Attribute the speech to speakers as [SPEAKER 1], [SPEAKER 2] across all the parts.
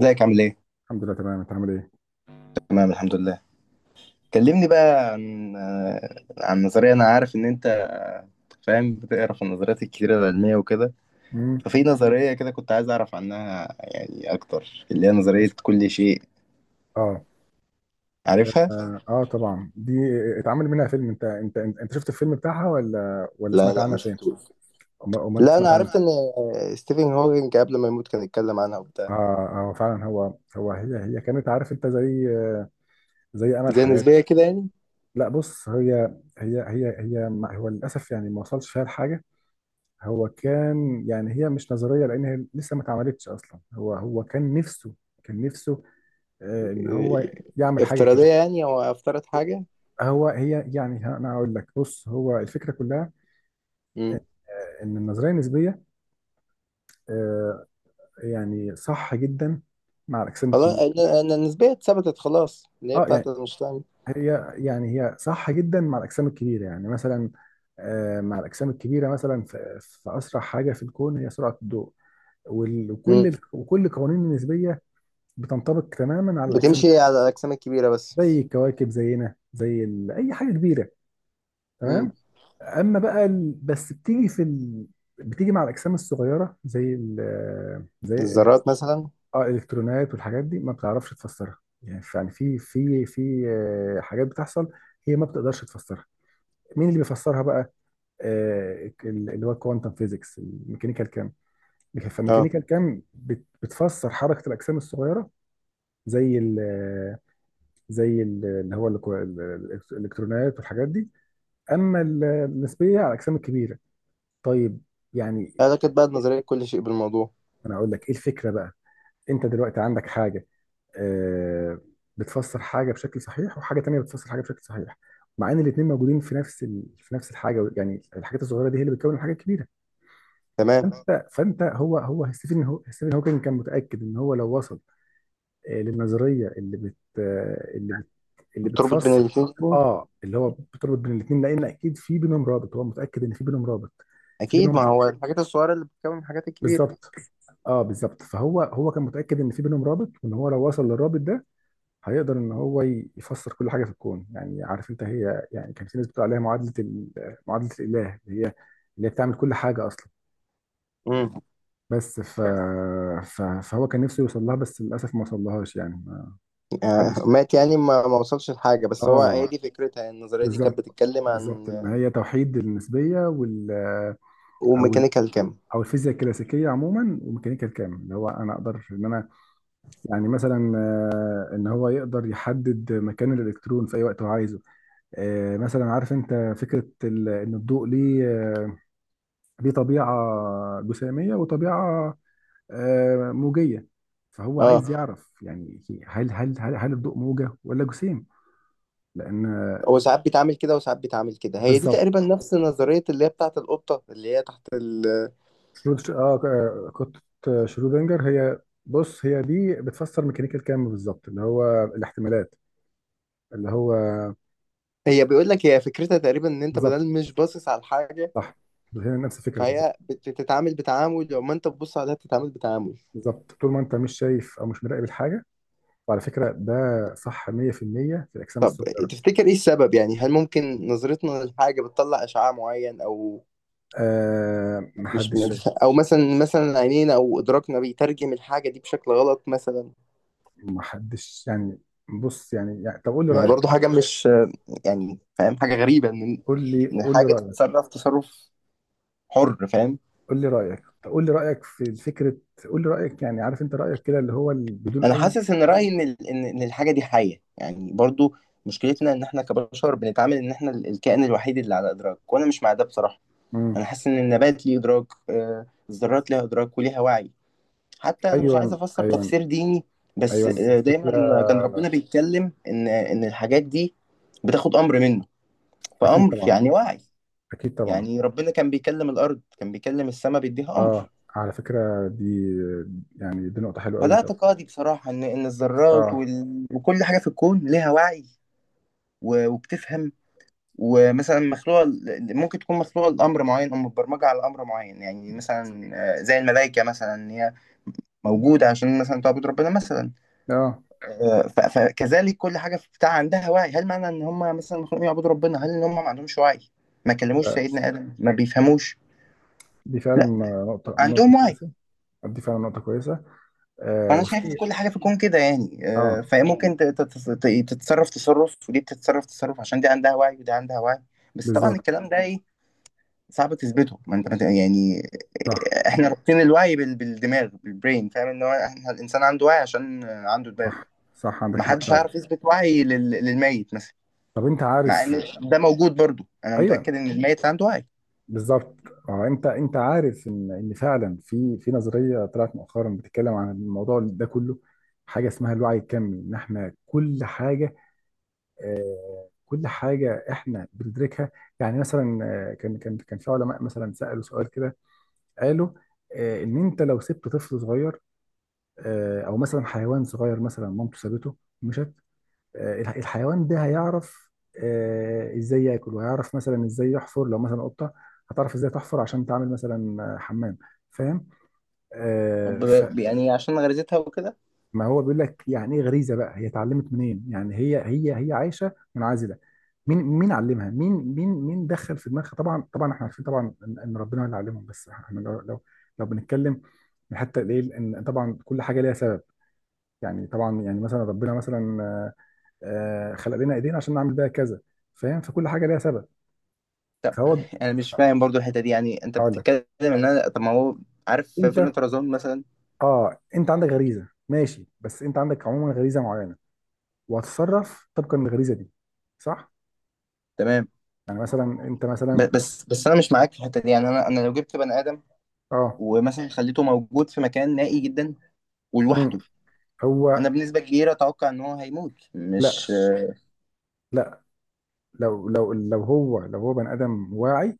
[SPEAKER 1] ازيك عامل ايه؟
[SPEAKER 2] الحمد لله تمام، انت عامل ايه؟
[SPEAKER 1] تمام الحمد لله. كلمني بقى عن نظرية. انا عارف ان انت فاهم، بتقرا في النظريات الكتيرة العلمية وكده.
[SPEAKER 2] امم
[SPEAKER 1] ففي نظرية كده كنت عايز اعرف عنها يعني اكتر، اللي هي
[SPEAKER 2] ماشي.
[SPEAKER 1] نظرية كل شيء.
[SPEAKER 2] اه
[SPEAKER 1] عارفها؟
[SPEAKER 2] اه، طبعا دي اتعمل منها فيلم. انت شفت الفيلم بتاعها ولا
[SPEAKER 1] لا،
[SPEAKER 2] سمعت
[SPEAKER 1] لا، ما
[SPEAKER 2] عنها فين؟
[SPEAKER 1] شفتوش.
[SPEAKER 2] أمال انت
[SPEAKER 1] لا، انا
[SPEAKER 2] سمعت
[SPEAKER 1] عرفت
[SPEAKER 2] عنها.
[SPEAKER 1] ان ستيفن هوكينج قبل ما يموت كان يتكلم عنها وبتاع.
[SPEAKER 2] اه، اه فعلا. هو هي كانت، عارف انت، زي زي امل
[SPEAKER 1] زي
[SPEAKER 2] حياته.
[SPEAKER 1] نسبية كده يعني.
[SPEAKER 2] لا، بص، هي هو للاسف يعني ما وصلش فيها لحاجه. هو كان، يعني هي مش نظريه لان هي لسه ما اتعملتش اصلا. هو كان نفسه، كان نفسه ان
[SPEAKER 1] آه،
[SPEAKER 2] هو يعمل حاجه
[SPEAKER 1] افتراضية
[SPEAKER 2] كده.
[SPEAKER 1] يعني، او افترض حاجة.
[SPEAKER 2] هو هي يعني ه- انا هقول لك، بص، هو الفكره كلها
[SPEAKER 1] امم.
[SPEAKER 2] ان النظريه النسبيه، آه، يعني صح جدا مع الاجسام
[SPEAKER 1] خلاص.
[SPEAKER 2] الكبيره.
[SPEAKER 1] إن النسبية اتثبتت خلاص، اللي هي
[SPEAKER 2] اه،
[SPEAKER 1] بتاعت
[SPEAKER 2] يعني
[SPEAKER 1] اينشتاين.
[SPEAKER 2] هي صح جدا مع الاجسام الكبيره، يعني مثلا مع الاجسام الكبيره، مثلا في اسرع حاجه في الكون هي سرعه الضوء. وكل وكل القوانين النسبيه بتنطبق تماما على الاجسام،
[SPEAKER 1] بتمشي على الأجسام الكبيرة بس.
[SPEAKER 2] زي الكواكب، زينا، زي اي حاجه كبيره،
[SPEAKER 1] مم.
[SPEAKER 2] تمام. اما بقى ال... بس بتيجي في ال... بتيجي مع الاجسام الصغيره، زي ال... زي الإلك...
[SPEAKER 1] الذرات مثلا.
[SPEAKER 2] اه الالكترونات والحاجات دي ما بتعرفش تفسرها. يعني في حاجات بتحصل هي ما بتقدرش تفسرها. مين اللي بيفسرها بقى؟ اللي هو الكوانتم فيزيكس، الميكانيكال كام.
[SPEAKER 1] اه.
[SPEAKER 2] فالميكانيكال كام بتفسر حركه الاجسام الصغيره، زي ال، زي ال- اللي هو الكو- ال- ال- الالكترونات والحاجات دي. اما النسبيه على الاجسام الكبيره. طيب، يعني
[SPEAKER 1] أعتقد بقى نظرية كل شيء بالموضوع.
[SPEAKER 2] انا اقول لك ايه الفكره بقى. انت دلوقتي عندك حاجه آه، بتفسر حاجه بشكل صحيح، وحاجه تانية بتفسر حاجه بشكل صحيح، مع ان الاثنين موجودين في نفس ال... في نفس الحاجه. يعني الحاجات الصغيره دي هي اللي بتكون الحاجه الكبيره.
[SPEAKER 1] تمام.
[SPEAKER 2] فانت فانت هو هو ستيفن هو ستيفن هوكينج كان متاكد ان هو لو وصل للنظريه اللي بت آه، اللي بت اللي
[SPEAKER 1] بتربط بين
[SPEAKER 2] بتفسر،
[SPEAKER 1] الاتنين.
[SPEAKER 2] اه اللي هو بتربط بين الاثنين، لان اكيد في بينهم رابط، هو متاكد ان في بينهم رابط، في
[SPEAKER 1] أكيد، ما
[SPEAKER 2] بينهم،
[SPEAKER 1] هو الحاجات الصغيرة اللي بتكون الحاجات الكبيرة.
[SPEAKER 2] بالظبط. اه بالظبط. فهو كان متاكد ان في بينهم رابط، وان هو لو وصل للرابط ده هيقدر ان هو يفسر كل حاجه في الكون. يعني عارف انت هي، يعني كان في ناس بتقول عليها معادله معادله الاله، اللي هي، اللي هي بتعمل كل حاجه اصلا.
[SPEAKER 1] مم.
[SPEAKER 2] بس ف... ف... فهو كان نفسه يوصل لها، بس للاسف ما وصلهاش، يعني ما حدش.
[SPEAKER 1] مات يعني، ما وصلش لحاجة. بس هي
[SPEAKER 2] اه،
[SPEAKER 1] دي فكرتها، يعني النظرية دي كانت
[SPEAKER 2] بالظبط.
[SPEAKER 1] بتتكلم عن.
[SPEAKER 2] بالظبط، ان هي توحيد النسبيه وال، او ال...
[SPEAKER 1] وميكانيكال كم.
[SPEAKER 2] او الفيزياء الكلاسيكيه عموما وميكانيكا الكم، اللي هو انا اقدر ان انا، يعني مثلا ان هو يقدر يحدد مكان الالكترون في اي وقت هو عايزه. مثلا عارف انت فكره ان الضوء ليه، ليه طبيعه جساميه وطبيعه موجيه. فهو
[SPEAKER 1] اه.
[SPEAKER 2] عايز اه يعرف، يعني هل الضوء موجه ولا جسيم، لان
[SPEAKER 1] هو ساعات بيتعامل كده وساعات بيتعامل كده، هي دي تقريبا
[SPEAKER 2] بالظبط.
[SPEAKER 1] نفس نظرية اللي هي بتاعة القطة اللي هي تحت.
[SPEAKER 2] شرود اه آه، قطه شرودنجر، هي. بص هي دي بتفسر ميكانيكا الكم بالظبط، اللي هو الاحتمالات، اللي هو
[SPEAKER 1] هي بيقول لك هي فكرتها تقريبا ان انت بدل
[SPEAKER 2] بالظبط.
[SPEAKER 1] مش باصص على الحاجة،
[SPEAKER 2] صح، هي نفس الفكره بالظبط.
[SPEAKER 1] فهي بتتعامل بتعامل لو ما انت بتبص عليها بتتعامل بتعامل.
[SPEAKER 2] بالظبط، طول ما انت مش شايف او مش مراقب الحاجه. وعلى فكره ده صح 100% في المية في الاجسام
[SPEAKER 1] طب،
[SPEAKER 2] الصغيره.
[SPEAKER 1] تفتكر ايه السبب؟ يعني هل ممكن نظرتنا للحاجة بتطلع اشعاع معين؟ او
[SPEAKER 2] آه
[SPEAKER 1] مش
[SPEAKER 2] محدش شايف،
[SPEAKER 1] مدف... او مثلا عينينا او ادراكنا بيترجم الحاجة دي بشكل غلط مثلا؟
[SPEAKER 2] محدش يعني. بص يعني طب قول لي
[SPEAKER 1] ما هي برضو
[SPEAKER 2] رأيك.
[SPEAKER 1] حاجة مش، يعني فاهم حاجة غريبة، ان
[SPEAKER 2] قول لي قول لي
[SPEAKER 1] الحاجة
[SPEAKER 2] رأيك.
[SPEAKER 1] تتصرف تصرف حر، فاهم؟
[SPEAKER 2] قول لي رأيك، طب قول لي رأيك في فكرة، قول لي رأيك، يعني عارف انت رأيك كده، اللي هو بدون
[SPEAKER 1] انا
[SPEAKER 2] أي.
[SPEAKER 1] حاسس ان رأيي ان إن الحاجة دي حية يعني. برضو مشكلتنا ان احنا كبشر بنتعامل ان احنا الكائن الوحيد اللي على ادراك، وانا مش مع ده بصراحة.
[SPEAKER 2] مم.
[SPEAKER 1] انا حاسس ان النبات ليه ادراك، الذرات ليها ادراك وليها وعي. حتى انا مش عايز
[SPEAKER 2] أيوه،
[SPEAKER 1] افسر
[SPEAKER 2] أيوه.
[SPEAKER 1] تفسير ديني، بس
[SPEAKER 2] أيوه الفكرة.
[SPEAKER 1] دايما كان ربنا بيتكلم ان الحاجات دي بتاخد امر منه.
[SPEAKER 2] أكيد
[SPEAKER 1] فامر
[SPEAKER 2] طبعا،
[SPEAKER 1] يعني وعي.
[SPEAKER 2] أكيد طبعا.
[SPEAKER 1] يعني ربنا كان بيكلم الارض، كان بيكلم السماء، بيديها
[SPEAKER 2] أه،
[SPEAKER 1] امر.
[SPEAKER 2] على فكرة دي، يعني دي نقطة حلوة أوي
[SPEAKER 1] فده
[SPEAKER 2] انت.
[SPEAKER 1] اعتقادي بصراحة، ان الذرات
[SPEAKER 2] أه.
[SPEAKER 1] وكل حاجة في الكون ليها وعي وبتفهم. ومثلا مخلوقة ممكن تكون مخلوقة لأمر معين أو متبرمجة على أمر معين، يعني مثلا زي الملائكة مثلا، هي موجود عشان مثلا تعبد ربنا مثلا.
[SPEAKER 2] أه،
[SPEAKER 1] فكذلك كل حاجه في بتاع عندها وعي. هل معنى ان هم مثلا مخلوقين يعبدوا ربنا هل ان هم ما عندهمش وعي؟ ما كلموش
[SPEAKER 2] لا
[SPEAKER 1] سيدنا ادم؟ ما بيفهموش؟
[SPEAKER 2] دي فعلا
[SPEAKER 1] لا،
[SPEAKER 2] نقطة، نقطة
[SPEAKER 1] عندهم وعي.
[SPEAKER 2] كويسة. دي فعلا نقطة كويسة. آه
[SPEAKER 1] فانا شايف ان
[SPEAKER 2] وفي.
[SPEAKER 1] كل حاجه في الكون كده يعني.
[SPEAKER 2] أه
[SPEAKER 1] فهي ممكن تتصرف تصرف، ودي بتتصرف تصرف، عشان دي عندها وعي ودي عندها وعي. بس طبعا
[SPEAKER 2] بالظبط.
[SPEAKER 1] الكلام ده ايه، صعب تثبته. ما انت ما انت- يعني
[SPEAKER 2] صح،
[SPEAKER 1] احنا رابطين الوعي بالدماغ، بالبرين. فاهم ان هو احنا الانسان عنده وعي عشان عنده دماغ.
[SPEAKER 2] صح، صح، عندك حق
[SPEAKER 1] محدش
[SPEAKER 2] فعلا.
[SPEAKER 1] هيعرف يثبت وعي للميت مثلا.
[SPEAKER 2] طب انت
[SPEAKER 1] مع
[SPEAKER 2] عارف؟
[SPEAKER 1] ان ده موجود برضو، انا
[SPEAKER 2] ايوه،
[SPEAKER 1] متاكد ان الميت عنده وعي.
[SPEAKER 2] بالظبط. اه انت عارف ان فعلا في نظريه طلعت مؤخرا بتتكلم عن الموضوع ده كله. حاجه اسمها الوعي الكمي، ان احنا كل حاجه، آه كل حاجه احنا بندركها. يعني مثلا كان في علماء مثلا سالوا سؤال كده. قالوا آه، ان انت لو سبت طفل صغير، آه او مثلا حيوان صغير، مثلا مامته سابته ومشت، الحيوان ده هيعرف ازاي ياكل، وهيعرف مثلا ازاي يحفر، لو مثلا قطه هتعرف ازاي تحفر عشان تعمل مثلا حمام، فاهم؟ آه، فما
[SPEAKER 1] يعني عشان غريزتها وكده.
[SPEAKER 2] هو بيقول لك يعني ايه غريزه بقى، هي اتعلمت منين؟ يعني هي عايشه منعزله، مين علمها؟ مين دخل في دماغها؟ طبعا، طبعا احنا عارفين طبعا ان ربنا اللي علمهم، بس احنا لو لو بنتكلم من حتى الايه ان طبعا كل حاجه ليها سبب. يعني طبعا، يعني مثلا ربنا مثلا خلق لنا ايدينا عشان نعمل بيها كذا، فاهم؟ فكل حاجه ليها سبب. فهو
[SPEAKER 1] انا مش
[SPEAKER 2] ف-
[SPEAKER 1] فاهم برضو الحته دي، يعني انت
[SPEAKER 2] هقول لك.
[SPEAKER 1] بتتكلم ان انا، طب ما هو، عارف في
[SPEAKER 2] انت
[SPEAKER 1] فيلم طرزان مثلا؟
[SPEAKER 2] اه انت عندك غريزه، ماشي، بس انت عندك عموما غريزه معينه، وهتتصرف طبقا للغريزه دي، صح؟
[SPEAKER 1] تمام.
[SPEAKER 2] يعني مثلا انت مثلا
[SPEAKER 1] بس انا مش معاك في الحته دي يعني، انا لو جبت بني ادم
[SPEAKER 2] اه.
[SPEAKER 1] ومثلا خليته موجود في مكان نائي جدا
[SPEAKER 2] مم،
[SPEAKER 1] ولوحده،
[SPEAKER 2] هو
[SPEAKER 1] انا بنسبه كبيره اتوقع ان هو هيموت،
[SPEAKER 2] لا،
[SPEAKER 1] مش
[SPEAKER 2] لا، لو لو هو بني ادم واعي،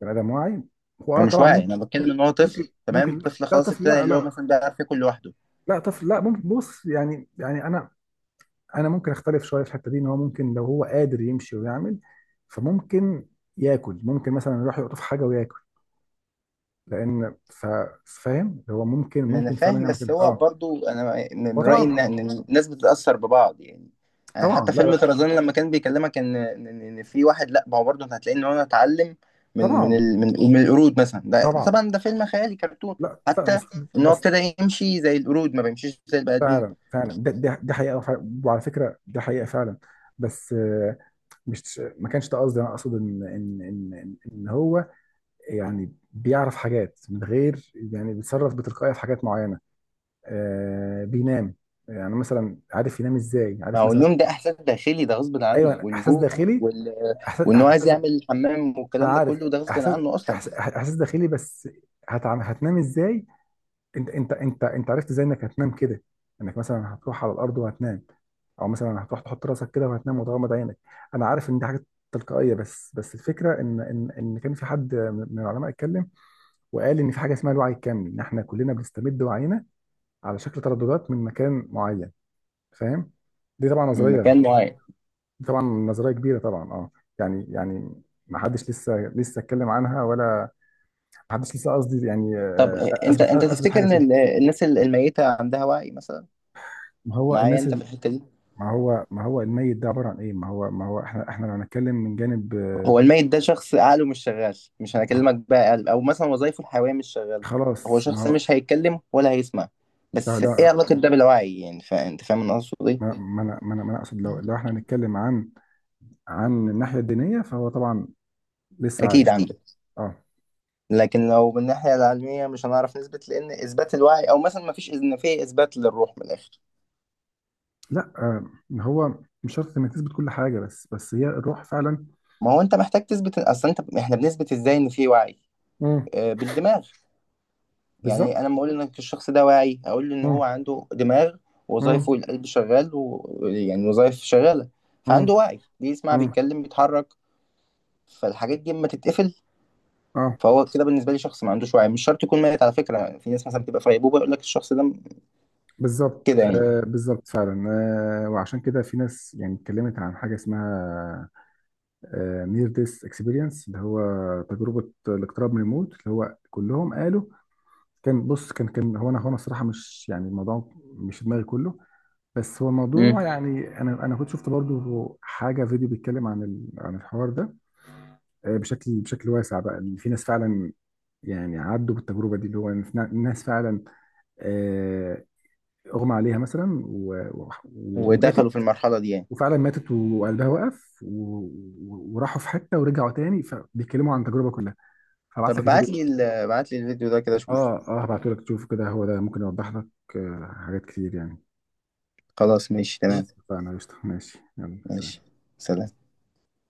[SPEAKER 2] بني ادم واعي، هو
[SPEAKER 1] هو
[SPEAKER 2] اه
[SPEAKER 1] مش
[SPEAKER 2] طبعا
[SPEAKER 1] واعي.
[SPEAKER 2] ممكن.
[SPEAKER 1] انا بتكلم ان هو
[SPEAKER 2] ممكن،
[SPEAKER 1] طفل، تمام؟
[SPEAKER 2] ممكن، لا
[SPEAKER 1] طفل
[SPEAKER 2] لا
[SPEAKER 1] خلاص
[SPEAKER 2] طفل،
[SPEAKER 1] ابتدى،
[SPEAKER 2] لا
[SPEAKER 1] اللي هو
[SPEAKER 2] لا،
[SPEAKER 1] مثلا بيعرف ياكل لوحده.
[SPEAKER 2] لا طفل، لا، ممكن. بص يعني، يعني انا، انا ممكن اختلف شويه في الحته دي، ان هو ممكن لو هو قادر يمشي ويعمل، فممكن ياكل، ممكن مثلا يروح يقطف حاجه وياكل، لان فاهم؟ هو ممكن،
[SPEAKER 1] ما انا
[SPEAKER 2] ممكن فعلا
[SPEAKER 1] فاهم،
[SPEAKER 2] يعمل
[SPEAKER 1] بس
[SPEAKER 2] كده،
[SPEAKER 1] هو
[SPEAKER 2] اه.
[SPEAKER 1] برضو انا
[SPEAKER 2] هو
[SPEAKER 1] من رايي
[SPEAKER 2] طبعا.
[SPEAKER 1] ان إن الناس بتتاثر ببعض يعني. أنا حتى
[SPEAKER 2] طبعا، لا
[SPEAKER 1] فيلم
[SPEAKER 2] لا.
[SPEAKER 1] طرزان لما كان بيكلمك ان إن في واحد، لا، ما هو برضه انت هتلاقي ان هو اتعلم من
[SPEAKER 2] طبعا،
[SPEAKER 1] من القرود مثلا، ده
[SPEAKER 2] طبعا،
[SPEAKER 1] طبعا ده فيلم خيالي كرتون.
[SPEAKER 2] لا لا،
[SPEAKER 1] حتى
[SPEAKER 2] بس.
[SPEAKER 1] ان هو
[SPEAKER 2] بس
[SPEAKER 1] ابتدى يمشي زي القرود، ما بيمشيش زي البني ادمين.
[SPEAKER 2] فعلا، فعلا ده حقيقه، وعلى فكره ده حقيقه فعلا. بس مش ما كانش ده قصدي، انا اقصد ان ان ان ان إن هو يعني بيعرف حاجات من غير، يعني بيتصرف بتلقائيه في حاجات معينه. آه بينام، يعني مثلا عارف ينام ازاي،
[SPEAKER 1] ما
[SPEAKER 2] عارف
[SPEAKER 1] هو
[SPEAKER 2] مثلا.
[SPEAKER 1] اليوم ده احساس داخلي، ده غصب عنه،
[SPEAKER 2] ايوه احساس
[SPEAKER 1] والجوع
[SPEAKER 2] داخلي،
[SPEAKER 1] وال
[SPEAKER 2] احساس
[SPEAKER 1] وان هو عايز
[SPEAKER 2] احساس ما،
[SPEAKER 1] يعمل حمام
[SPEAKER 2] انا
[SPEAKER 1] والكلام ده
[SPEAKER 2] عارف.
[SPEAKER 1] كله، ده غصب
[SPEAKER 2] احساس
[SPEAKER 1] عنه اصلا.
[SPEAKER 2] احساس إحساس داخلي، بس هتعم... هتنام ازاي؟ انت عرفت ازاي انك هتنام كده، انك مثلا هتروح على الارض وهتنام، او مثلا هتروح تحط راسك كده وهتنام وتغمض عينك. انا عارف ان دي حاجه تلقائيه، بس الفكره ان كان في حد من العلماء اتكلم وقال ان في حاجه اسمها الوعي الكامل، ان احنا كلنا بنستمد وعينا على شكل ترددات من مكان معين، فاهم؟ دي طبعا
[SPEAKER 1] من
[SPEAKER 2] نظريه،
[SPEAKER 1] مكان معين؟
[SPEAKER 2] دي طبعا نظريه كبيره طبعا اه. يعني، يعني ما حدش لسه اتكلم عنها، ولا ما حدش لسه، قصدي يعني
[SPEAKER 1] طب انت،
[SPEAKER 2] اثبت
[SPEAKER 1] تفتكر
[SPEAKER 2] حاجه
[SPEAKER 1] ان
[SPEAKER 2] فيها.
[SPEAKER 1] الناس الميته عندها وعي مثلا؟
[SPEAKER 2] ما هو
[SPEAKER 1] معايا
[SPEAKER 2] الناس
[SPEAKER 1] انت في الحته دي؟
[SPEAKER 2] ما هو، ما هو الميت ده عباره عن ايه؟ ما هو، ما هو احنا، احنا لو هنتكلم من جانب
[SPEAKER 1] هو الميت ده شخص عقله مش شغال، مش هنكلمك بقى قلب او مثلا وظايفه الحيويه مش شغاله. هو
[SPEAKER 2] خلاص ما
[SPEAKER 1] شخص
[SPEAKER 2] هو.
[SPEAKER 1] مش هيتكلم ولا هيسمع.
[SPEAKER 2] لا
[SPEAKER 1] بس ايه
[SPEAKER 2] لا،
[SPEAKER 1] علاقه ده بالوعي يعني؟ انت فاهم انا اقصد
[SPEAKER 2] ما
[SPEAKER 1] ايه؟
[SPEAKER 2] ما انا ما انا ما أنا اقصد لو، لو احنا هنتكلم عن عن الناحيه الدينيه فهو طبعا لسه
[SPEAKER 1] اكيد
[SPEAKER 2] عايش، طبعا
[SPEAKER 1] عنده.
[SPEAKER 2] اه.
[SPEAKER 1] لكن لو من الناحيه العلميه مش هنعرف نثبت، لان اثبات الوعي او مثلا ما فيش، ان في اثبات للروح من الاخر.
[SPEAKER 2] لا ما هو مش شرط انك تثبت كل حاجه، بس بس هي الروح فعلا.
[SPEAKER 1] ما هو انت محتاج تثبت اصلا. انت، احنا بنثبت ازاي ان في وعي؟
[SPEAKER 2] مم.
[SPEAKER 1] بالدماغ. يعني انا
[SPEAKER 2] بالظبط.
[SPEAKER 1] لما اقول انك الشخص ده واعي، اقول له ان هو
[SPEAKER 2] مم.
[SPEAKER 1] عنده دماغ،
[SPEAKER 2] مم.
[SPEAKER 1] وظائفه القلب شغال، ويعني وظائف شغاله،
[SPEAKER 2] مم.
[SPEAKER 1] فعنده وعي، بيسمع،
[SPEAKER 2] مم.
[SPEAKER 1] بيتكلم، بيتحرك. فالحاجات دي اما تتقفل،
[SPEAKER 2] اه
[SPEAKER 1] فهو كده بالنسبه لي شخص ما عندوش وعي. مش شرط يكون ميت، على فكره. في ناس مثلا بتبقى في غيبوبه، يقول لك الشخص ده
[SPEAKER 2] بالظبط.
[SPEAKER 1] كده يعني.
[SPEAKER 2] آه بالظبط فعلا. آه وعشان كده في ناس، يعني اتكلمت عن حاجه اسمها نير ديس اكسبيرينس، اللي هو تجربه الاقتراب من الموت، اللي هو كلهم قالوا. كان، بص كان، كان هو، انا هو انا الصراحه مش، يعني الموضوع مش في دماغي كله، بس هو الموضوع،
[SPEAKER 1] امم.
[SPEAKER 2] يعني انا، انا كنت شفت برضو حاجه، فيديو بيتكلم عن عن الحوار ده بشكل واسع بقى، إن في ناس فعلا، يعني عدوا بالتجربه دي، اللي هو إن في ناس فعلا آه، اغمى عليها مثلا و- وماتت،
[SPEAKER 1] ودخلوا في المرحله دي يعني؟
[SPEAKER 2] وفعلا ماتت وقلبها وقف و وراحوا في حته ورجعوا تاني، فبيتكلموا عن التجربه كلها. هبعت
[SPEAKER 1] طب
[SPEAKER 2] لك الفيديو
[SPEAKER 1] ابعت لي
[SPEAKER 2] ده.
[SPEAKER 1] الفيديو ده كده اشوفه.
[SPEAKER 2] اه اه هبعته لك تشوفه كده، هو ده ممكن يوضح لك حاجات كتير يعني.
[SPEAKER 1] خلاص ماشي،
[SPEAKER 2] قشطة.
[SPEAKER 1] تمام.
[SPEAKER 2] خلاص فانا قشطه، ماشي، يلا سلام.
[SPEAKER 1] ماشي. سلام.